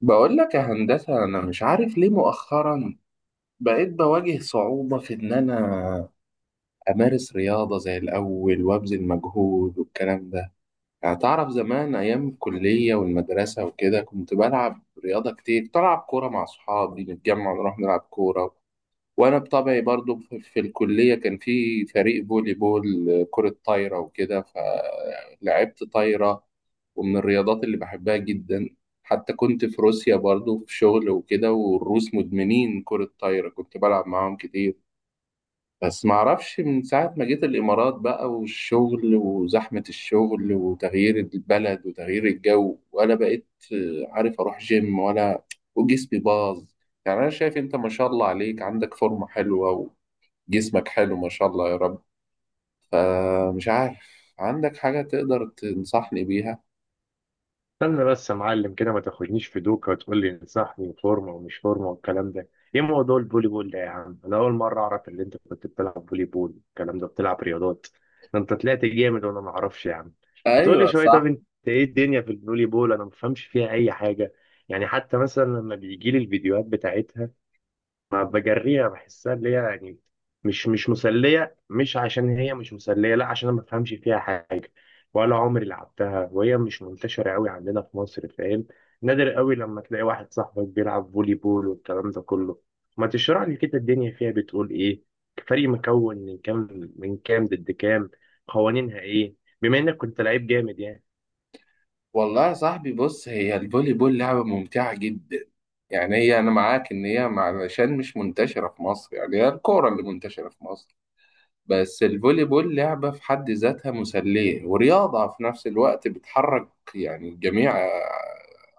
بقول لك يا هندسة، أنا مش عارف ليه مؤخرا بقيت بواجه صعوبة في إن أنا أمارس رياضة زي الأول وأبذل مجهود والكلام ده. يعني تعرف، زمان أيام الكلية والمدرسة وكده كنت بلعب رياضة كتير، كنت ألعب كورة مع أصحابي، نتجمع نروح نلعب كورة. وانا بطبعي برضو في الكليه كان في فريق فولي بول، كره طايره وكده فلعبت طايره. ومن الرياضات اللي بحبها جدا، حتى كنت في روسيا برضو في شغل وكده، والروس مدمنين كره طايره، كنت بلعب معاهم كتير. بس معرفش، من ساعة ما جيت الإمارات بقى، والشغل وزحمة الشغل وتغيير البلد وتغيير الجو، ولا بقيت عارف أروح جيم ولا، وجسمي باظ. يعني أنا شايف أنت ما شاء الله عليك، عندك فورمة حلوة، جسمك حلو، ما شاء الله يا رب. فمش عارف، عندك حاجة تقدر تنصحني بيها؟ استنى بس يا معلم كده، ما تاخدنيش في دوكا وتقول لي انصحني فورمه ومش فورمه والكلام ده. ايه موضوع البولي بول ده يا عم؟ انا اول مره اعرف ان انت كنت بتلعب بولي بول، الكلام ده بتلعب رياضات، ده انت طلعت جامد وانا ما اعرفش يا عم. هتقول لي ايوه شويه، طب صح. انت ايه الدنيا في البولي بول؟ انا ما بفهمش فيها اي حاجه، يعني حتى مثلا لما بيجي لي الفيديوهات بتاعتها ما بجريها، بحسها اللي هي يعني مش مسلية، مش عشان هي مش مسلية، لا عشان انا ما بفهمش فيها حاجة ولا عمري لعبتها، وهي مش منتشرة قوي عندنا في مصر فاهم. نادر قوي لما تلاقي واحد صاحبك بيلعب فولي بول والكلام ده كله. ما تشرح لي كده الدنيا فيها بتقول ايه؟ فريق مكون من كام ضد كام؟ قوانينها ايه؟ بما انك كنت لعيب جامد يعني. والله يا صاحبي، بص، هي الفولي بول لعبة ممتعة جدا. يعني هي انا معاك ان هي علشان مش منتشرة في مصر، يعني هي الكورة اللي منتشرة في مصر. بس الفولي بول لعبة في حد ذاتها مسلية، ورياضة في نفس الوقت، بتحرك يعني جميع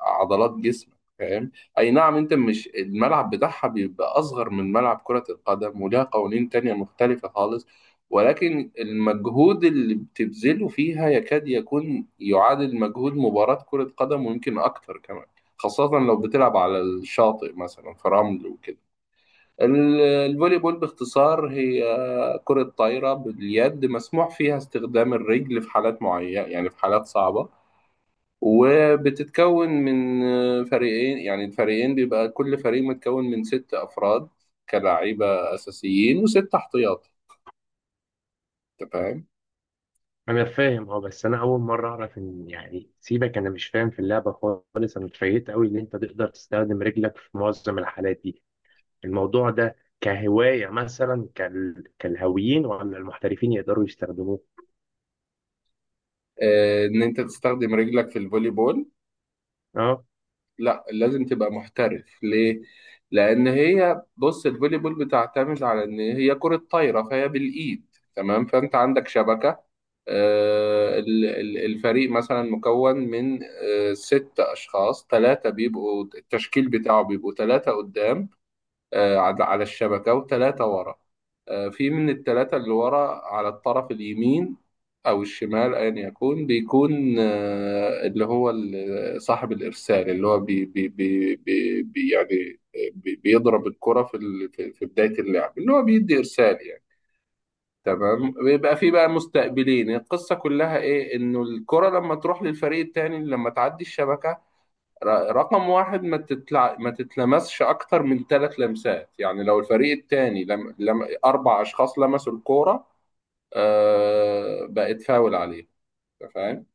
عضلات جسمك، فاهم؟ أي نعم، أنت مش، الملعب بتاعها بيبقى أصغر من ملعب كرة القدم، ولها قوانين تانية مختلفة خالص. ولكن المجهود اللي بتبذله فيها يكاد يكون يعادل مجهود مباراة كرة قدم، ويمكن أكتر كمان، خاصة لو بتلعب على الشاطئ مثلا في رمل وكده. الفولي بول باختصار هي كرة طايرة باليد، مسموح فيها استخدام الرجل في حالات معينة، يعني في حالات صعبة. وبتتكون من فريقين، يعني الفريقين بيبقى كل فريق متكون من ست أفراد، كلاعيبة أساسيين وست احتياطي. أنت فاهم؟ انا فاهم اه، بس انا اول مره اعرف ان يعني سيبك، انا مش فاهم في اللعبه خالص. انا اتفاجئت قوي ان انت تقدر تستخدم رجلك في معظم الحالات دي، الموضوع ده كهوايه مثلا كالهاويين ولا المحترفين يقدروا يستخدموه؟ آه، إن أنت تستخدم رجلك في الفولي بول؟ اه لا، لازم تبقى محترف ليه؟ لأن هي، بص، الفولي بول بتعتمد على إن هي كرة طايرة فهي بالإيد. تمام، فأنت عندك شبكة. الفريق مثلا مكون من ست أشخاص، ثلاثة بيبقوا التشكيل بتاعه، بيبقوا ثلاثة قدام على الشبكة، وثلاثة ورا. في من الثلاثة اللي ورا على الطرف اليمين أو الشمال، أيا يكون بيكون اللي هو صاحب الإرسال، اللي هو يعني بيضرب الكرة في في بداية اللعب، اللي هو بيدي إرسال، يعني. تمام، بيبقى في بقى مستقبلين، القصة كلها إيه، إنه الكرة لما تروح للفريق التاني لما تعدي الشبكة رقم واحد، ما تتلمسش اكتر من ثلاث لمسات، يعني لو الفريق الثاني لم... لم... اربع اشخاص لمسوا الكوره بقت فاول عليه. أنت فاهم؟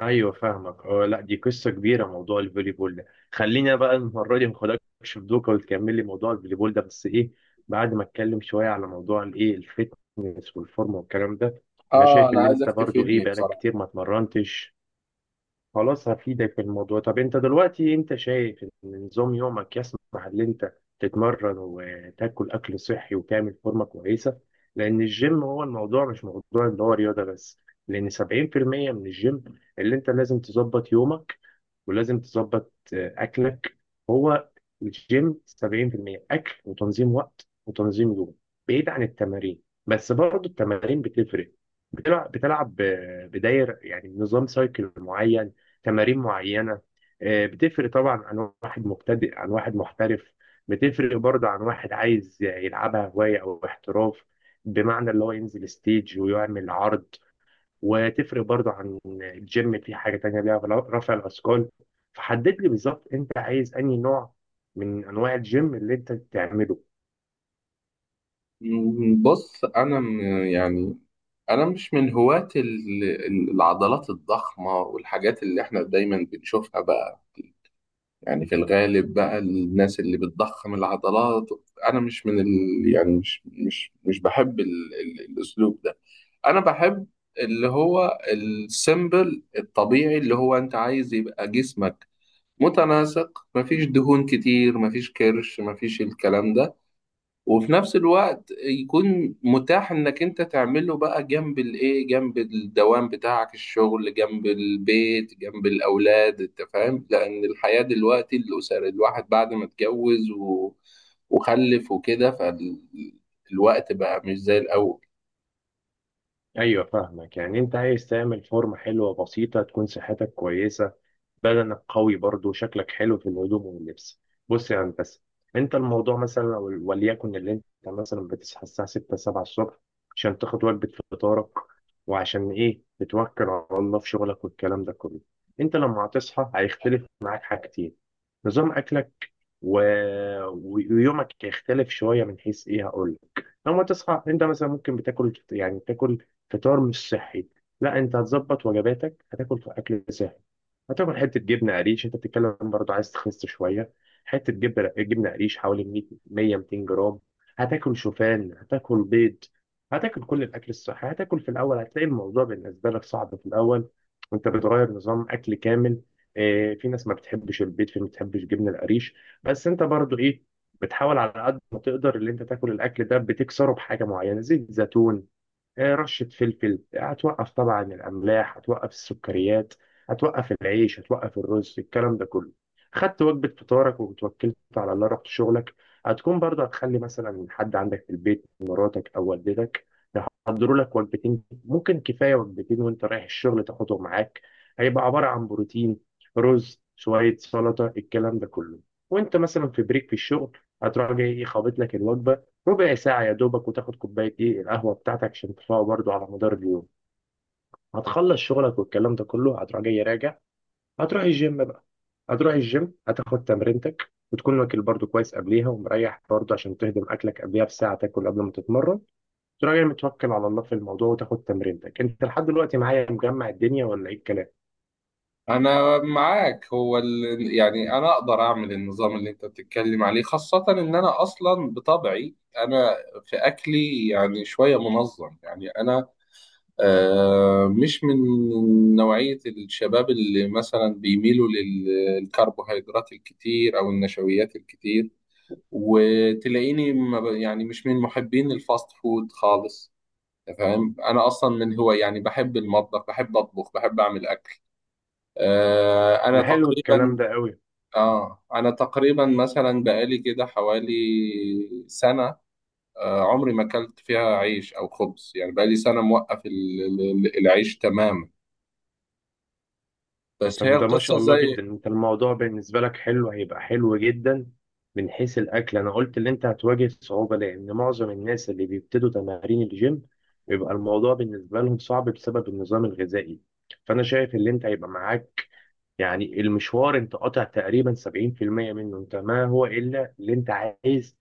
ايوه فاهمك اه، لا دي قصه كبيره موضوع الفولي بول ده. خلينا بقى المره دي ما اخدكش في دوكا وتكمل لي موضوع الفولي بول ده، بس ايه بعد ما اتكلم شويه على موضوع الايه، الفتنس والفورمه والكلام ده. انا اه، شايف انا ان عايزك انت برضو ايه تفيدني بقالك بصراحه. كتير ما اتمرنتش، خلاص هفيدك في الموضوع. طب انت دلوقتي انت شايف ان نظام يومك يسمح ان انت تتمرن وتاكل اكل صحي وتعمل فورمه كويسه؟ لان الجيم هو الموضوع مش موضوع اللي هو رياضه بس، لان 70% من الجيم اللي انت لازم تظبط يومك، ولازم تظبط اكلك. هو الجيم 70% اكل وتنظيم وقت وتنظيم يوم، بعيد عن التمارين. بس برضه التمارين بتفرق، بتلعب بداير يعني نظام سايكل معين، تمارين معينه. بتفرق طبعا عن واحد مبتدئ عن واحد محترف، بتفرق برضه عن واحد عايز يلعبها هوايه او احتراف، بمعنى اللي هو ينزل ستيج ويعمل عرض. وتفرق برضو عن الجيم في حاجة تانية ليها، رفع الأثقال. فحدد لي بالظبط أنت عايز أنهي نوع من أنواع الجيم اللي أنت تعمله. بص انا يعني، انا مش من هواة العضلات الضخمه والحاجات اللي احنا دايما بنشوفها بقى، يعني في الغالب بقى الناس اللي بتضخم العضلات. انا مش من يعني مش بحب الاسلوب ده. انا بحب اللي هو السيمبل الطبيعي، اللي هو انت عايز يبقى جسمك متناسق، مفيش دهون كتير، مفيش كرش، مفيش الكلام ده. وفي نفس الوقت يكون متاح انك انت تعمله بقى جنب الايه، جنب الدوام بتاعك الشغل، جنب البيت، جنب الاولاد، انت فاهم، لان الحياة دلوقتي الاسر الواحد بعد ما اتجوز وخلف وكده، فالوقت بقى مش زي الاول. أيوة فاهمك، يعني أنت عايز تعمل فورمة حلوة بسيطة، تكون صحتك كويسة، بدنك قوي برضه، شكلك حلو في الهدوم واللبس. بص يا هندسة، انت الموضوع مثلا وليكن اللي انت مثلا بتصحى الساعة 6 7 الصبح عشان تاخد وجبة فطارك، وعشان ايه بتوكل على الله في شغلك والكلام ده كله. انت لما هتصحى هيختلف معاك حاجتين، نظام اكلك و... ويومك يختلف شويه. من حيث ايه هقول لك، لما تصحى انت مثلا ممكن بتاكل يعني تاكل فطار مش صحي، لا انت هتظبط وجباتك، هتاكل اكل صحي، هتاكل حته جبنه قريش، انت بتتكلم برضو عايز تخس شويه، حته جبنه قريش حوالي 100 100 200 جرام. هتاكل شوفان، هتاكل بيض، هتاكل كل الاكل الصحي، هتاكل في الاول هتلاقي الموضوع بالنسبه لك صعب في الاول وانت بتغير نظام اكل كامل. في ناس ما بتحبش البيض، في ناس ما بتحبش جبنه القريش، بس انت برضو ايه بتحاول على قد ما تقدر اللي انت تاكل الاكل ده بتكسره بحاجه معينه، زيت زيتون، رشة فلفل. هتوقف طبعا الأملاح، هتوقف السكريات، هتوقف العيش، هتوقف الرز، الكلام ده كله. خدت وجبة فطارك وتوكلت على الله، رحت شغلك. هتكون برضه هتخلي مثلا حد عندك في البيت، مراتك أو والدتك، يحضروا لك وجبتين، ممكن كفاية وجبتين، وأنت رايح الشغل تاخدهم معاك، هيبقى عبارة عن بروتين، رز، شوية سلطة، الكلام ده كله. وأنت مثلا في بريك في الشغل هتروح جاي خابط لك الوجبة ربع ساعة يا دوبك، وتاخد كوباية ايه، القهوة بتاعتك عشان تفوق برضو على مدار اليوم. هتخلص شغلك والكلام ده كله، هتروح جاي راجع، هتروح الجيم بقى. هتروح الجيم هتاخد تمرينتك، وتكون واكل برضو كويس قبليها ومريح برضو، عشان تهضم اكلك قبليها بساعة، تاكل قبل ما تتمرن. تروح جاي متوكل على الله في الموضوع وتاخد تمرينتك. انت لحد دلوقتي معايا مجمع الدنيا ولا ايه الكلام؟ انا معاك، هو يعني انا اقدر اعمل النظام اللي انت بتتكلم عليه، خاصة ان انا اصلا بطبعي، انا في اكلي يعني شوية منظم، يعني انا مش من نوعية الشباب اللي مثلا بيميلوا للكربوهيدرات الكتير او النشويات الكتير، وتلاقيني ما ب... يعني مش من محبين الفاست فود خالص، فاهم. انا اصلا من هو يعني بحب المطبخ، بحب اطبخ، بحب اعمل اكل. انا ده حلو الكلام تقريبا، ده قوي. اه انا تقريبا مثلا بقالي كده حوالي سنه، عمري ما اكلت فيها عيش او خبز، يعني بقالي سنه موقف العيش تماما. بس هي طب ده ما القصه شاء الله زي، جدا، انت الموضوع بالنسبة لك حلو، هيبقى حلو جدا من حيث الأكل. أنا قلت اللي انت هتواجه صعوبة لأن معظم الناس اللي بيبتدوا تمارين الجيم بيبقى الموضوع بالنسبة لهم صعب بسبب النظام الغذائي. فأنا شايف اللي انت هيبقى معاك، يعني المشوار انت قاطع تقريبا 70% منه، انت ما هو إلا اللي انت عايز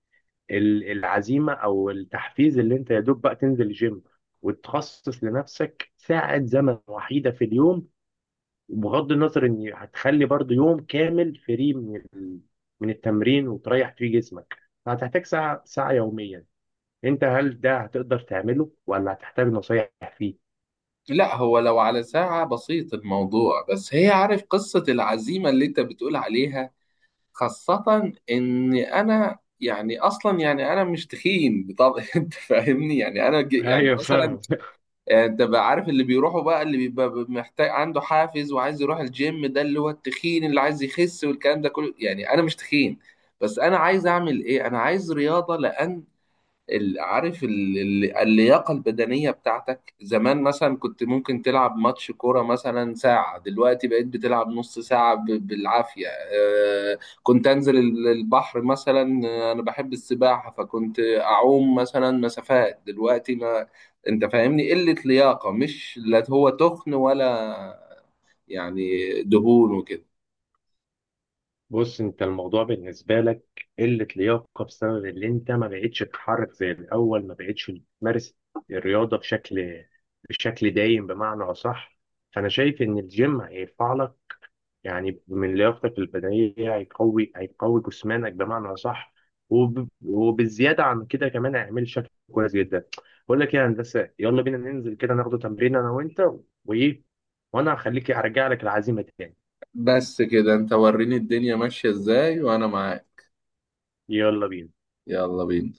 العزيمة أو التحفيز، اللي انت يا دوب بقى تنزل الجيم، وتخصص لنفسك ساعة زمن وحيدة في اليوم. وبغض النظر ان هتخلي برضو يوم كامل فري من من التمرين وتريح فيه جسمك، فهتحتاج ساعة ساعة يوميا. انت هل ده هتقدر تعمله ولا هتحتاج نصايح فيه؟ لا هو لو على ساعه بسيط الموضوع، بس هي عارف قصه العزيمه اللي انت بتقول عليها، خاصه ان انا، يعني اصلا، يعني انا مش تخين، طب انت فاهمني، يعني انا يعني ايوه مثلا، فاهم. يعني انت بقى عارف اللي بيروحوا بقى اللي بيبقى محتاج عنده حافز وعايز يروح الجيم، ده اللي هو التخين اللي عايز يخس والكلام ده كله، يعني انا مش تخين. بس انا عايز اعمل ايه، انا عايز رياضة، لان عارف اللياقة البدنية بتاعتك زمان مثلا، كنت ممكن تلعب ماتش كورة مثلا ساعة، دلوقتي بقيت بتلعب نص ساعة بالعافية. كنت أنزل البحر مثلا، أنا بحب السباحة، فكنت أعوم مثلا مسافات، دلوقتي ما أنت فاهمني، قلة لياقة مش، لا هو تخن ولا يعني دهون وكده. بص، انت الموضوع بالنسبة لك قلة لياقة بسبب اللي انت ما بقتش تتحرك زي الاول، ما بقتش تمارس الرياضة بشكل دايم بمعنى اصح. فانا شايف ان الجيم هيرفع لك يعني من لياقتك البدنية، هيقوي جسمانك بمعنى صح، وبالزيادة عن كده كمان هيعمل شكل كويس جدا. بقول لك إيه يا هندسة، يلا بينا ننزل كده ناخده تمرين أنا وأنت وإيه، وأنا هخليك أرجع لك العزيمة تاني. بس كده أنت وريني الدنيا ماشية إزاي وأنا معاك. يلا بينا. يلا بينا.